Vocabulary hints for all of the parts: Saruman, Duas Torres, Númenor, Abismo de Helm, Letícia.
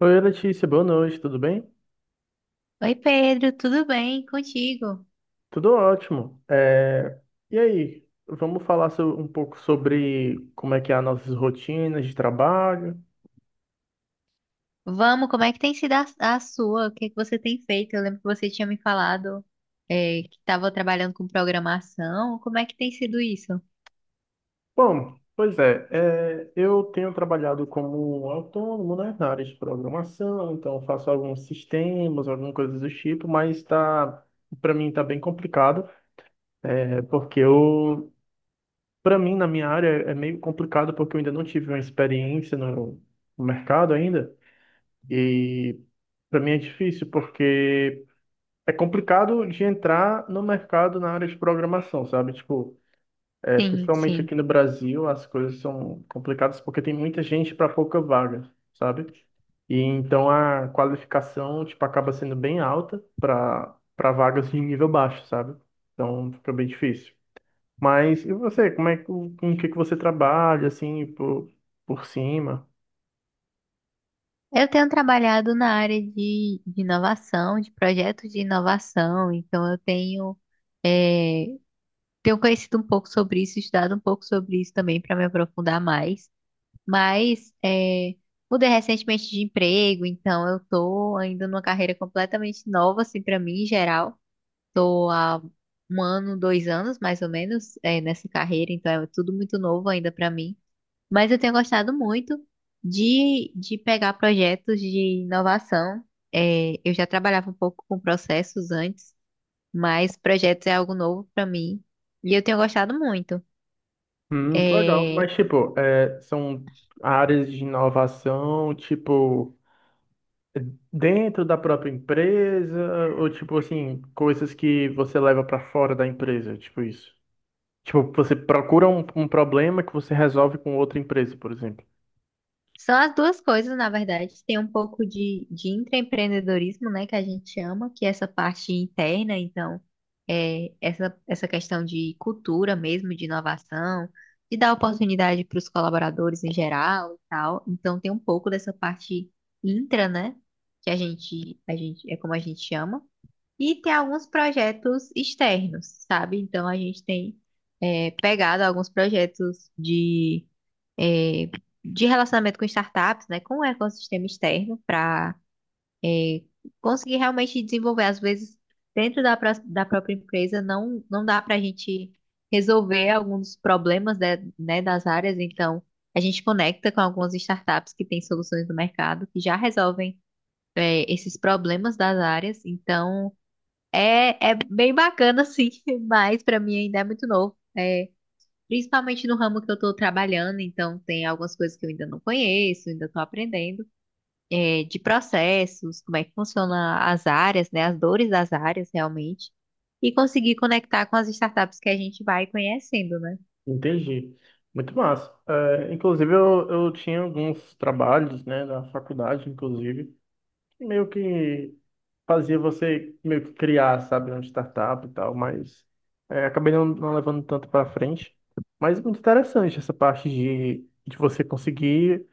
Oi, Letícia, boa noite, tudo bem? Oi Pedro, tudo bem contigo? Tudo ótimo. E aí, vamos falar um pouco sobre como é que é as nossas rotinas de trabalho? Vamos, como é que tem sido a sua? O que é que você tem feito? Eu lembro que você tinha me falado que estava trabalhando com programação. Como é que tem sido isso? Bom, pois é, eu tenho trabalhado como autônomo, né, na área de programação, então faço alguns sistemas, alguma coisa do tipo, mas tá, para mim tá bem complicado, é, porque eu, para mim na minha área é meio complicado porque eu ainda não tive uma experiência no mercado ainda. E para mim é difícil porque é complicado de entrar no mercado na área de programação, sabe? Tipo, é, Sim, principalmente sim. aqui no Brasil, as coisas são complicadas porque tem muita gente para pouca vaga, sabe? E então a qualificação, tipo, acaba sendo bem alta para vagas de nível baixo, sabe? Então fica bem difícil. Mas e você, como é que com o que que você trabalha assim por cima? Eu tenho trabalhado na área de inovação, de projetos de inovação, então é, tenho conhecido um pouco sobre isso, estudado um pouco sobre isso também para me aprofundar mais. Mas é, Mudei recentemente de emprego, então eu tô ainda numa carreira completamente nova, assim, para mim em geral. Tô há um ano, dois anos, mais ou menos, nessa carreira, então é tudo muito novo ainda para mim. Mas eu tenho gostado muito de pegar projetos de inovação. É, eu já trabalhava um pouco com processos antes, mas projetos é algo novo para mim e eu tenho gostado muito. Que legal. É, Mas, tipo, é, são áreas de inovação, tipo, dentro da própria empresa, ou, tipo, assim, coisas que você leva pra fora da empresa, tipo isso. Tipo, você procura um problema que você resolve com outra empresa, por exemplo. São as duas coisas, na verdade. Tem um pouco de intraempreendedorismo, né, que a gente chama, que é essa parte interna, então, essa questão de cultura mesmo, de inovação, de dar oportunidade para os colaboradores em geral e tal. Então, tem um pouco dessa parte intra, né, que é como a gente chama. E tem alguns projetos externos, sabe? Então a gente tem pegado alguns projetos é, de relacionamento com startups, né? Com o ecossistema externo, para conseguir realmente desenvolver. Às vezes, dentro da própria empresa, não dá para a gente resolver alguns problemas né, das áreas. Então, a gente conecta com algumas startups que têm soluções no mercado, que já resolvem esses problemas das áreas. Então. É, é bem bacana, sim, mas pra mim ainda é muito novo. É, principalmente no ramo que eu tô trabalhando, então tem algumas coisas que eu ainda não conheço, ainda tô aprendendo. É, de processos, como é que funciona as áreas, né? As dores das áreas, realmente. E conseguir conectar com as startups que a gente vai conhecendo, né? Entendi. Muito massa. É, inclusive, eu tinha alguns trabalhos, né, da faculdade, inclusive, meio que. Fazia você meio que criar, sabe, uma startup e tal, mas é, acabei não levando tanto para frente. Mas muito interessante essa parte de você conseguir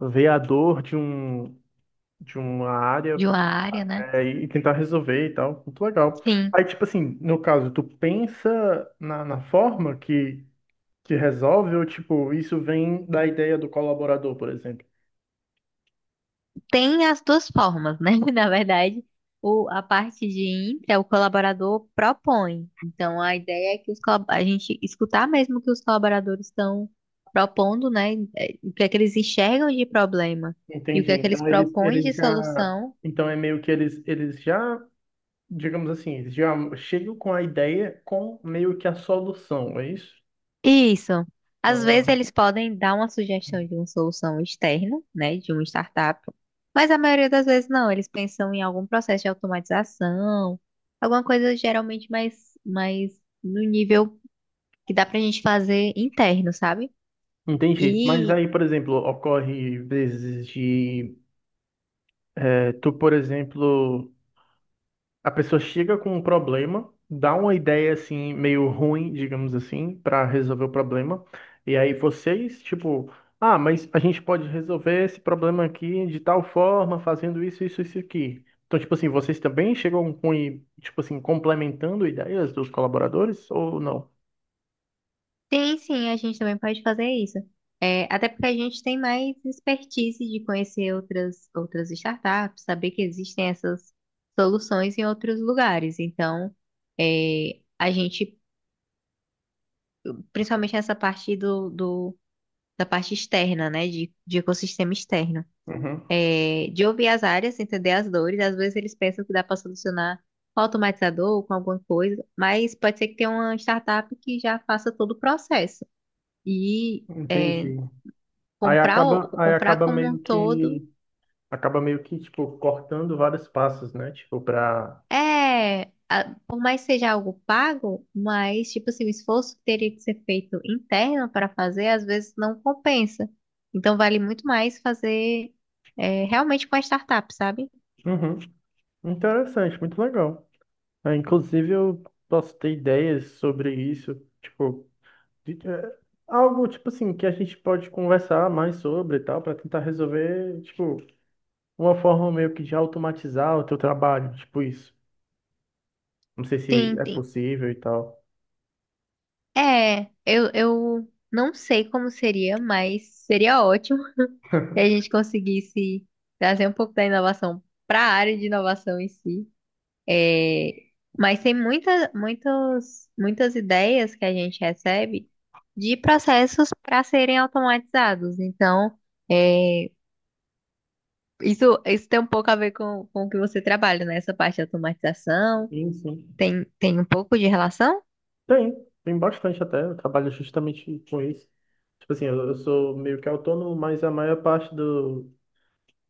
ver a dor de uma área De uma área, né? é, e tentar resolver e tal. Muito legal. Sim. Aí, tipo assim, no caso, tu pensa na forma que resolve ou, tipo, isso vem da ideia do colaborador, por exemplo. Tem as duas formas, né? Na verdade, a parte de intra, o colaborador propõe. Então, a ideia é que a gente escutar mesmo o que os colaboradores estão propondo, né? O que é que eles enxergam de problema e o que Entendi. é que eles Então, propõem eles de já... solução. Então, é meio que eles já digamos assim, eles já chegam com a ideia com meio que a solução, é isso? Isso. Às vezes Ah, eles podem dar uma sugestão de uma solução externa, né, de uma startup, mas a maioria das vezes não. Eles pensam em algum processo de automatização, alguma coisa geralmente mais no nível que dá pra gente fazer interno, sabe? entendi. Mas E aí, por exemplo, ocorre vezes de eh, tu, por exemplo, a pessoa chega com um problema, dá uma ideia assim meio ruim, digamos assim, para resolver o problema. E aí vocês, tipo, ah, mas a gente pode resolver esse problema aqui de tal forma, fazendo isso, isso, isso aqui. Então, tipo assim, vocês também chegam com, tipo assim, complementando ideias dos colaboradores ou não? tem sim, a gente também pode fazer isso. É, até porque a gente tem mais expertise de conhecer outras startups, saber que existem essas soluções em outros lugares. Então, é, a gente principalmente nessa parte da parte externa, né? De ecossistema externo. Uhum, É, de ouvir as áreas, entender as dores. Às vezes eles pensam que dá para solucionar com automatizador ou com alguma coisa, mas pode ser que tenha uma startup que já faça todo o processo. E é, entendi. Comprar, Aí comprar como um todo. Acaba meio que, tipo, cortando vários passos, né? Tipo, pra... Por mais que seja algo pago, mas, tipo assim, o esforço que teria que ser feito interno para fazer, às vezes não compensa. Então, vale muito mais fazer realmente com a startup, sabe? Uhum, interessante, muito legal. Ah, inclusive, eu posso ter ideias sobre isso, tipo, de- é, algo tipo assim que a gente pode conversar mais sobre e tal, para tentar resolver, tipo, uma forma meio que de automatizar o teu trabalho, tipo isso. Não sei se Sim, é sim. possível e tal. Eu não sei como seria, mas seria ótimo se a gente conseguisse trazer um pouco da inovação para a área de inovação em si. É, mas tem muitas ideias que a gente recebe de processos para serem automatizados. Então, é, isso tem um pouco a ver com o que você trabalha, né? Essa parte de automatização Sim, sim. tem, tem um pouco de relação? Tem, tem bastante até. Eu trabalho justamente com isso. Tipo assim, eu sou meio que autônomo, mas a maior parte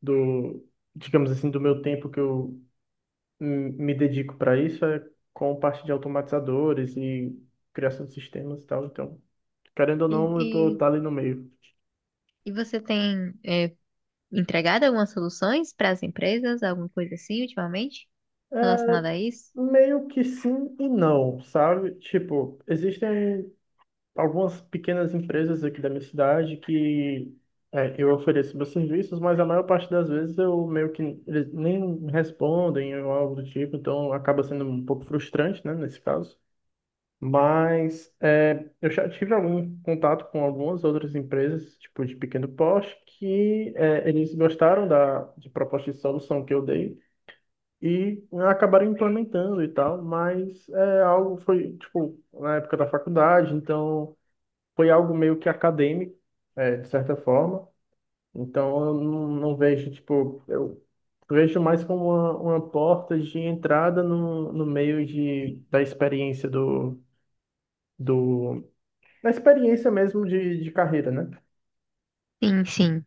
do, digamos assim, do meu tempo que eu me dedico para isso é com parte de automatizadores e criação de sistemas e tal. Então, querendo ou E, não, eu e, tô ali no meio. e você tem, é, entregado algumas soluções para as empresas, alguma coisa assim, ultimamente, relacionada a isso? Meio que sim e não, sabe? Tipo, existem algumas pequenas empresas aqui da minha cidade que é, eu ofereço meus serviços, mas a maior parte das vezes eu meio que eles nem respondem ou algo do tipo, então acaba sendo um pouco frustrante, né, nesse caso. Mas é, eu já tive algum contato com algumas outras empresas, tipo de pequeno porte, que é, eles gostaram da de proposta de solução que eu dei e né, acabaram implementando e tal, mas é algo foi tipo na época da faculdade, então foi algo meio que acadêmico, é, de certa forma. Então eu não vejo tipo eu vejo mais como uma porta de entrada no meio de da experiência do na experiência mesmo de carreira, né? Sim, sim.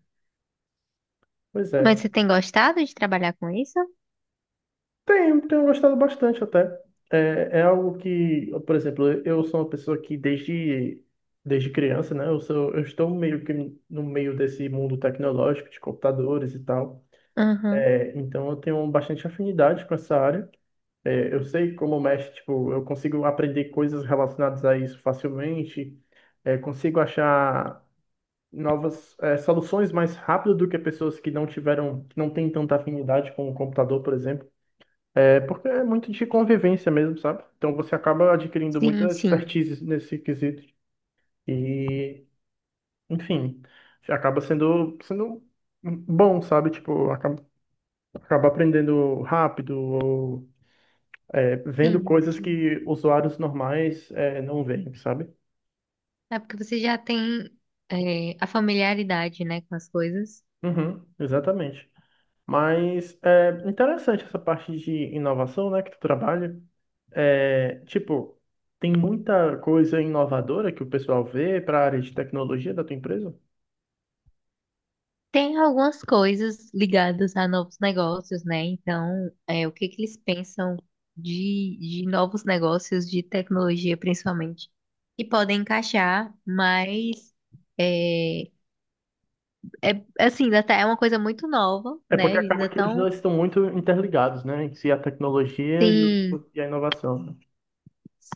Pois Mas é. você tem gostado de trabalhar com isso? Tenho, tenho gostado bastante até. É, é algo que, por exemplo, eu sou uma pessoa que desde criança, né? Eu estou meio que no meio desse mundo tecnológico, de computadores e tal. Aham. É, então eu tenho bastante afinidade com essa área. É, eu sei como mexe, tipo, eu consigo aprender coisas relacionadas a isso facilmente. É, consigo achar novas soluções mais rápido do que pessoas que que não têm tanta afinidade com o computador, por exemplo. É porque é muito de convivência mesmo, sabe? Então você acaba adquirindo Sim, muita sim. expertise nesse quesito e, enfim, acaba sendo bom, sabe? Tipo, acaba, acaba aprendendo rápido ou vendo Sim. coisas que usuários normais não veem, sabe? É porque você já tem a familiaridade, né, com as coisas. Uhum, exatamente. Mas é interessante essa parte de inovação, né, que tu trabalha. É, tipo, tem muita coisa inovadora que o pessoal vê para a área de tecnologia da tua empresa? Tem algumas coisas ligadas a novos negócios, né? Então, é, o que que eles pensam de novos negócios, de tecnologia principalmente, que podem encaixar, mas é, é assim, é uma coisa muito nova, É né? porque Eles acaba ainda que os dois estão. estão muito interligados, né? Em si, a tecnologia e a inovação, né?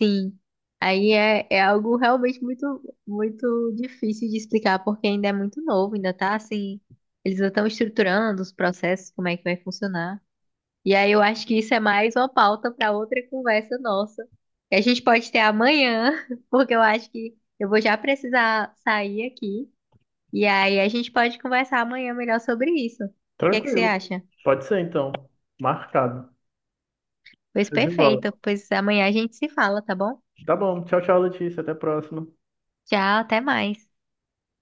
Sim, aí é, é algo realmente muito difícil de explicar, porque ainda é muito novo, ainda tá assim, eles ainda estão estruturando os processos, como é que vai funcionar. E aí eu acho que isso é mais uma pauta para outra conversa nossa, que a gente pode ter amanhã, porque eu acho que eu vou já precisar sair aqui, e aí a gente pode conversar amanhã melhor sobre isso. O que é que você Tranquilo. acha? Pode ser, então. Marcado. Pois Show de perfeito, bola. pois amanhã a gente se fala, tá bom? Tá bom. Tchau, tchau, Letícia. Até a próxima. Tchau, até mais.